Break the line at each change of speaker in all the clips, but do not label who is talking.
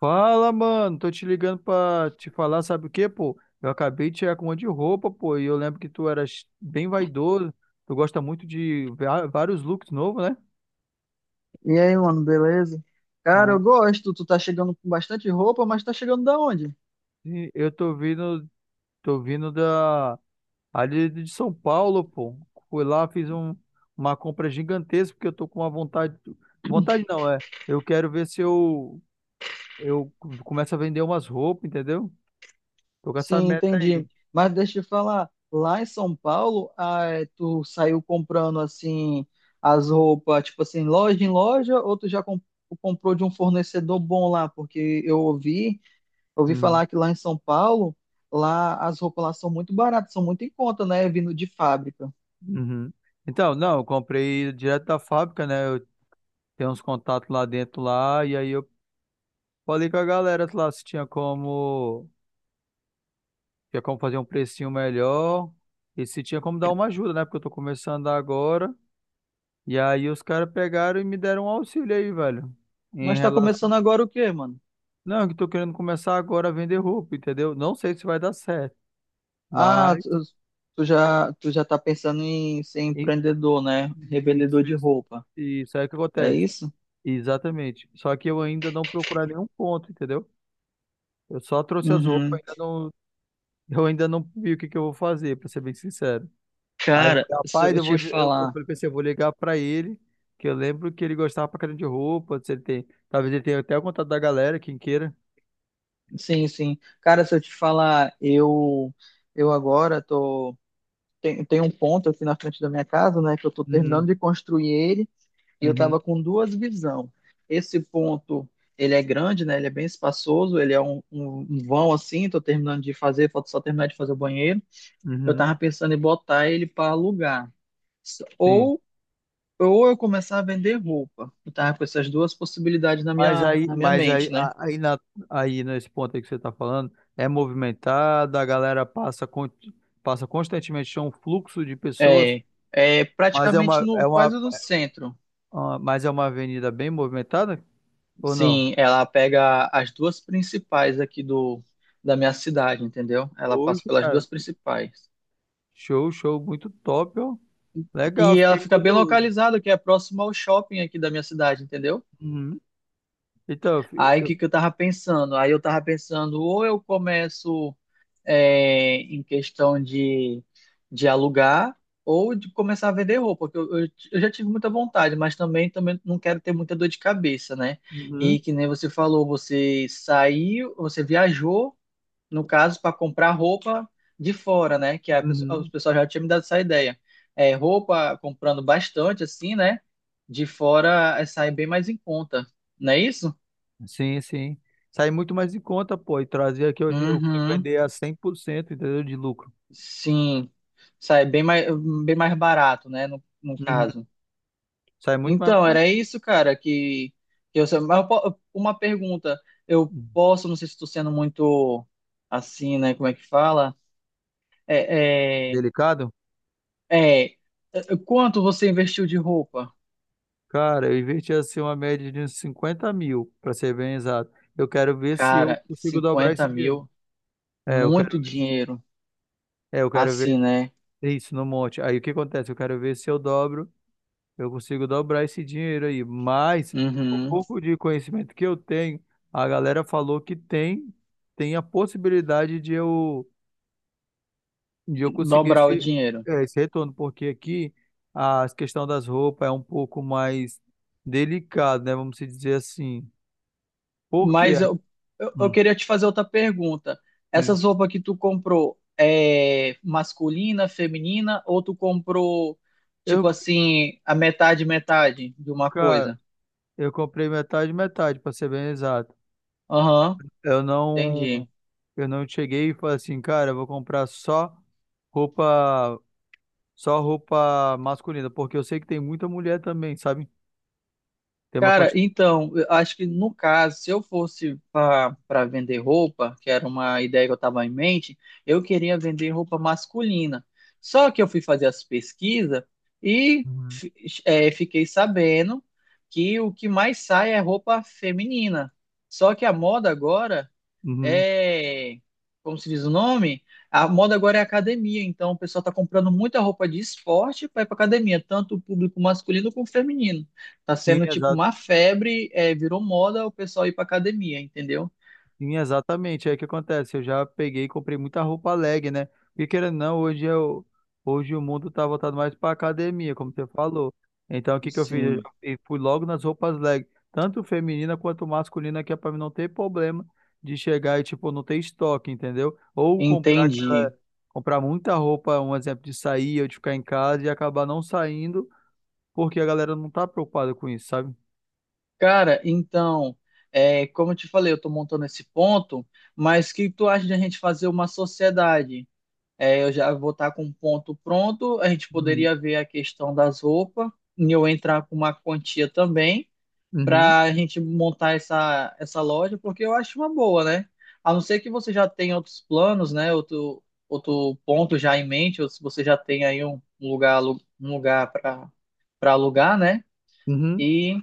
Fala, mano. Tô te ligando pra te falar, sabe o quê, pô? Eu acabei de chegar com um monte de roupa, pô, e eu lembro que tu eras bem vaidoso. Tu gosta muito de vários looks novos, né?
E aí, mano, beleza? Cara, eu
Bom,
gosto. Tu tá chegando com bastante roupa, mas tá chegando da onde?
E eu tô vindo, tô vindo da ali de São Paulo, pô. Fui lá, uma compra gigantesca, porque eu tô com uma vontade. Vontade não, é. Eu quero ver se eu, eu começo a vender umas roupas, entendeu? Tô com essa
Sim,
meta aí.
entendi. Mas deixa eu te falar, lá em São Paulo, ah, é, tu saiu comprando assim as roupas, tipo assim, loja em loja, ou tu já comprou de um fornecedor bom lá? Porque ouvi falar que lá em São Paulo, lá as roupas lá são muito baratas, são muito em conta, né? Vindo de fábrica.
Uhum. Então, não, eu comprei direto da fábrica, né? Eu tenho uns contatos lá dentro lá, e aí eu falei com a galera lá se tinha como, tinha como fazer um precinho melhor e se tinha como dar uma ajuda, né? Porque eu tô começando agora. E aí os caras pegaram e me deram um auxílio aí, velho. Em
Mas tá
relação.
começando agora o quê, mano?
Não, que eu tô querendo começar agora a vender roupa, entendeu? Não sei se vai dar certo, mas
Ah, tu já tá pensando em ser
e-
empreendedor, né? Revendedor
isso,
de
isso,
roupa.
isso aí que
É
acontece.
isso?
Exatamente. Só que eu ainda não procurar nenhum ponto, entendeu? Eu só trouxe as roupas,
Uhum.
ainda não, eu ainda não vi o que que eu vou fazer, pra ser bem sincero. Aí eu
Cara,
falei,
se
rapaz,
eu te
eu
falar,
falei, pensei, eu vou ligar pra ele, que eu lembro que ele gostava pra caramba de roupa, se ele tem, talvez ele tenha até o contato da galera, quem queira.
sim, sim. Cara, se eu te falar, eu agora tem um ponto aqui na frente da minha casa, né, que eu tô
Uhum,
terminando de construir ele e eu tava
uhum,
com duas visão. Esse ponto, ele é grande, né? Ele é bem espaçoso, ele é um vão assim, tô terminando de fazer, falta só terminar de fazer o banheiro. Eu
uhum,
tava pensando em botar ele para alugar.
sim.
Ou, ou eu começar a vender roupa. Eu tava com essas duas possibilidades
Mas aí,
na minha
mas aí,
mente, né?
a- aí, na, aí nesse ponto aí que você tá falando, é movimentado, a galera passa, con- passa constantemente, é um fluxo de pessoas,
É, é
mas
praticamente quase no centro.
mas é uma avenida bem movimentada ou não?
Sim, ela pega as duas principais aqui da minha cidade, entendeu? Ela passa
Hoje,
pelas
cara.
duas principais.
Show, show, muito top, ó. Legal,
E ela
fiquei
fica bem
curioso.
localizada, que é próximo ao shopping aqui da minha cidade, entendeu?
Uhum. Então,
Aí o que que eu tava pensando? Aí eu tava pensando, ou eu começo. É, em questão de alugar ou de começar a vender roupa, porque eu já tive muita vontade, mas também não quero ter muita dor de cabeça, né?
uhum,
E que nem você falou, você saiu, você viajou, no caso, para comprar roupa de fora, né? Que a pessoa, os
uhum.
pessoal já tinha me dado essa ideia. É, roupa comprando bastante, assim, né? De fora é, sai bem mais em conta, não é isso?
Sim, sim. Sai muito mais em conta, pô. E trazer aqui hoje eu consigo
Uhum.
vender a 100%, entendeu? De lucro.
Sim, sai bem mais barato, né, no
Uhum.
caso.
Sai muito mais
Então,
barato.
era isso, cara, que eu. Mas eu uma pergunta, eu
Uhum.
posso, não sei se estou sendo muito assim, né, como é que fala? É, é,
Delicado?
é, Quanto você investiu de roupa?
Cara, eu investi assim uma média de uns 50 mil, pra ser bem exato. Eu quero ver se eu
Cara,
consigo dobrar esse
50
dinheiro.
mil,
É, eu
muito
quero,
dinheiro,
é, eu quero ver
assim, né?
isso no monte. Aí o que acontece? Eu quero ver se eu dobro. Eu consigo dobrar esse dinheiro aí, mas o
Uhum.
pouco de conhecimento que eu tenho, a galera falou que tem, tem a possibilidade de eu conseguir
Dobrar o dinheiro.
esse retorno, porque aqui a questão das roupas é um pouco mais delicado, né? Vamos se dizer assim. Porque
Mas
aqui,
eu
hum,
queria te fazer outra pergunta.
sim,
Essas roupas que tu comprou é masculina, feminina, ou tu comprou, tipo
eu,
assim, a metade, metade de uma
cara,
coisa?
eu comprei metade, metade, para ser bem exato.
Aham,
Eu não,
entendi.
eu não cheguei e falei assim, cara, eu vou comprar só roupa, só roupa masculina, porque eu sei que tem muita mulher também, sabe? Tem uma
Cara,
quantidade.
então, eu acho que no caso, se eu fosse para vender roupa, que era uma ideia que eu estava em mente, eu queria vender roupa masculina. Só que eu fui fazer as pesquisas e
Uhum.
fiquei sabendo que o que mais sai é roupa feminina. Só que a moda agora
Uhum.
é, como se diz o nome? A moda agora é academia, então o pessoal está comprando muita roupa de esporte para ir para academia, tanto o público masculino como feminino. Tá
Sim,
sendo tipo
exa-
uma febre, é, virou moda o pessoal ir para academia, entendeu?
sim, exatamente. É o que acontece. Eu já peguei e comprei muita roupa leg, né? Porque querendo ou não, hoje eu, hoje o mundo tá voltado mais pra academia, como você falou. Então, o que que eu fiz? Eu já
Sim,
fui logo nas roupas leg, tanto feminina quanto masculina, que é pra mim não ter problema de chegar e, tipo, não ter estoque, entendeu?
entendi.
Comprar muita roupa, um exemplo de sair, eu de ficar em casa e acabar não saindo porque a galera não tá preocupada com isso, sabe?
Cara, então, é, como eu te falei, eu tô montando esse ponto, mas o que tu acha de a gente fazer uma sociedade? É, eu já vou estar com um ponto pronto. A gente
Uhum,
poderia ver a questão das roupas e eu entrar com uma quantia também
uhum,
para a gente montar essa loja, porque eu acho uma boa, né? A não ser que você já tenha outros planos, né? Outro ponto já em mente, ou se você já tem aí um lugar para alugar, né?
uhum.
E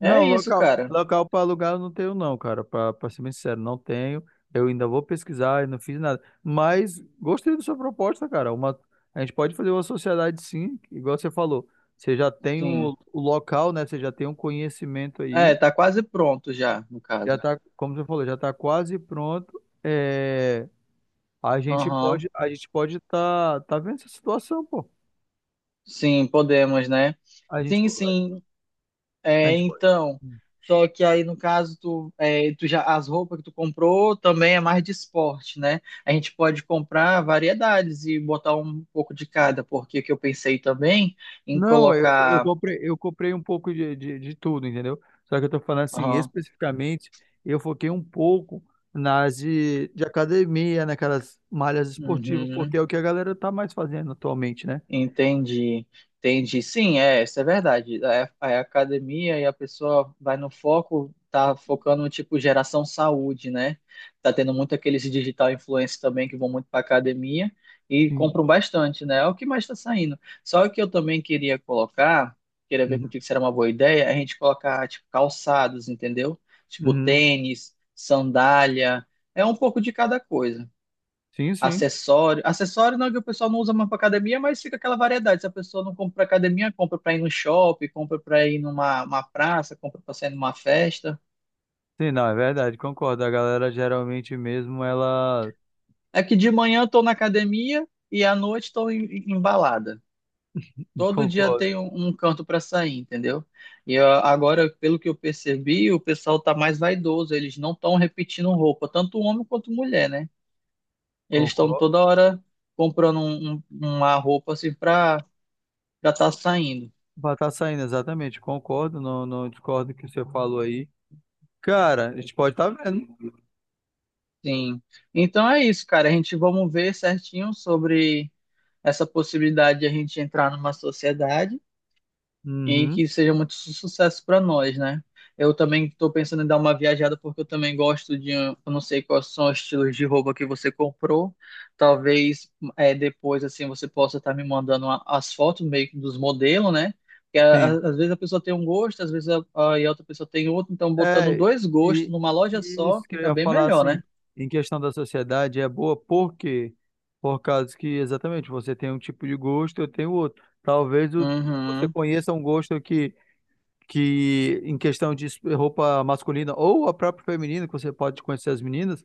Não,
é isso, cara.
local para alugar eu não tenho não, cara, para ser bem sincero, não tenho. Eu ainda vou pesquisar e não fiz nada. Mas gostei da sua proposta, cara. Uma, a gente pode fazer uma sociedade sim, igual você falou. Você já tem
Sim.
o local, né? Você já tem um conhecimento
É,
aí,
tá quase pronto já, no
já
caso.
tá, como você falou, já tá quase pronto. É,
Aham.
a gente pode tá, tá vendo essa situação, pô.
Sim, podemos, né?
A gente,
Sim,
po-
sim.
a
É,
gente pode.
então, só que aí no caso tu já as roupas que tu comprou também é mais de esporte, né? A gente pode comprar variedades e botar um pouco de cada, porque o que eu pensei também em
Não,
colocar.
eu comprei um pouco de tudo, entendeu? Só que eu tô falando assim,
Aham.
especificamente, eu foquei um pouco de academia, naquelas malhas esportivas, porque
Uhum.
é o que a galera tá mais fazendo atualmente, né?
Entendi, entendi. Sim, é, isso é verdade. É, é a academia e a pessoa vai no foco, tá focando no tipo geração saúde, né? Tá tendo muito aqueles digital influencers também que vão muito para academia e
Sim.
compram bastante, né? É o que mais está saindo. Só que eu também queria colocar, queria ver
Uhum.
contigo se era uma boa ideia, a gente colocar tipo calçados, entendeu? Tipo
Uhum.
tênis, sandália, é um pouco de cada coisa
Sim, sim.
acessório. Acessório não é que o pessoal não usa mais para academia, mas fica aquela variedade. Se a pessoa não compra para academia, compra para ir no shopping, compra para ir numa uma praça, compra para sair numa festa.
Sim, não, é verdade, concordo. A galera geralmente mesmo, ela
É que de manhã eu tô na academia e à noite estou embalada. Todo dia
concordo,
tem um canto para sair, entendeu? E ó, agora, pelo que eu percebi, o pessoal tá mais vaidoso, eles não estão repetindo roupa, tanto homem quanto mulher, né? Eles estão
concordo.
toda hora comprando uma roupa assim para já tá saindo.
Vai estar saindo, exatamente, concordo, não, não discordo do que você falou aí. Cara, a gente pode estar tá vendo.
Sim. Então é isso, cara. A gente vamos ver certinho sobre essa possibilidade de a gente entrar numa sociedade e
Uhum.
que seja muito sucesso para nós, né? Eu também estou pensando em dar uma viajada porque eu também gosto de, eu não sei quais são os estilos de roupa que você comprou. Talvez é, depois assim você possa estar me mandando as fotos meio que dos modelos, né? Porque
Sim.
às vezes a pessoa tem um gosto, às vezes e a outra pessoa tem outro. Então botando
É,
dois gostos
e,
numa loja
e isso
só
que eu
fica
ia
bem
falar
melhor,
assim,
né?
em questão da sociedade, é boa por quê? Por causa que exatamente você tem um tipo de gosto, eu tenho outro. Você
Uhum.
conheça um gosto que, em questão de roupa masculina ou a própria feminina, que você pode conhecer as meninas,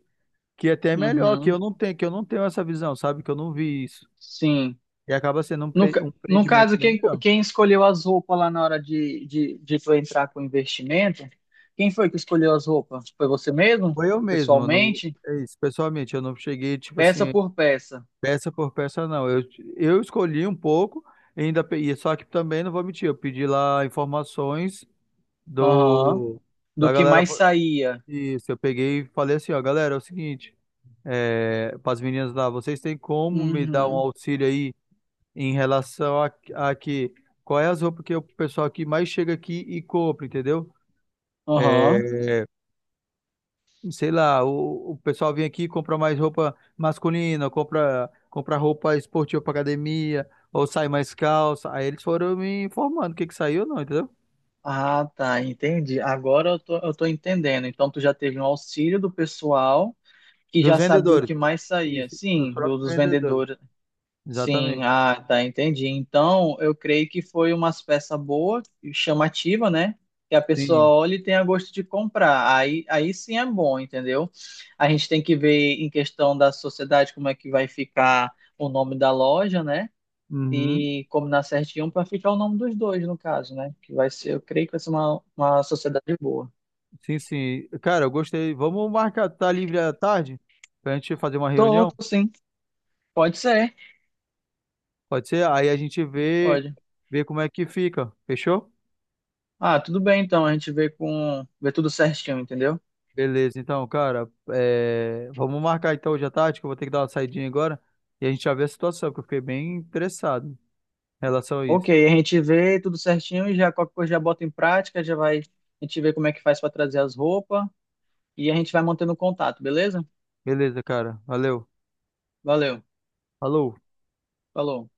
que até é melhor,
Uhum,
que eu não tenho essa visão, sabe? Que eu não vi isso.
sim.
E acaba sendo um
No
empreendimento
caso,
bem melhor.
quem escolheu as roupas lá na hora de tu entrar com o investimento? Quem foi que escolheu as roupas? Foi você mesmo?
Foi eu mesmo, eu não,
Pessoalmente?
é isso, pessoalmente, eu não cheguei, tipo
Peça
assim.
por peça.
Peça por peça, não. Eu escolhi um pouco, e só que também não vou mentir, eu pedi lá informações
Aham.
do
Do
da
que
galera.
mais saía.
Isso, eu peguei e falei assim, ó, galera, é o seguinte, é, para as meninas lá, vocês têm como me dar um
Uhum.
auxílio aí em relação a que qual é as roupas que o pessoal aqui mais chega aqui e compra, entendeu?
Aham.
É, sei lá, o pessoal vem aqui e compra mais roupa masculina, compra roupa esportiva pra academia, ou sai mais calça. Aí eles foram me informando o que que saiu não, entendeu?
Ah, tá, entendi. Agora eu tô entendendo. Então tu já teve um auxílio do pessoal que
Dos
já sabia o
vendedores.
que mais saía.
Isso, dos
Sim,
próprios
dos
vendedores.
vendedores. Sim,
Exatamente.
ah, tá, entendi. Então, eu creio que foi uma peça boa e chamativa, né? Que a pessoa
Sim.
olha e tenha gosto de comprar. Aí sim é bom, entendeu? A gente tem que ver em questão da sociedade como é que vai ficar o nome da loja, né?
Uhum.
E combinar certinho para ficar o nome dos dois, no caso, né? Que vai ser, eu creio que vai ser uma sociedade boa.
Sim, sim. Cara, eu gostei. Vamos marcar, tá livre à tarde? Pra gente fazer uma
Tô,
reunião?
tô sim. Pode ser,
Pode ser? Aí a gente vê,
pode.
vê como é que fica. Fechou?
Ah, tudo bem então, a gente vê vê tudo certinho, entendeu?
Beleza, então, cara, é, vamos marcar então hoje à tarde, que eu vou ter que dar uma saidinha agora e a gente já vê a situação, porque eu fiquei bem interessado em relação a
Ok,
isso.
a gente vê tudo certinho e já qualquer coisa já bota em prática, já vai, a gente vê como é que faz para trazer as roupas e a gente vai mantendo contato, beleza?
Beleza, cara, valeu,
Valeu,
falou.
falou.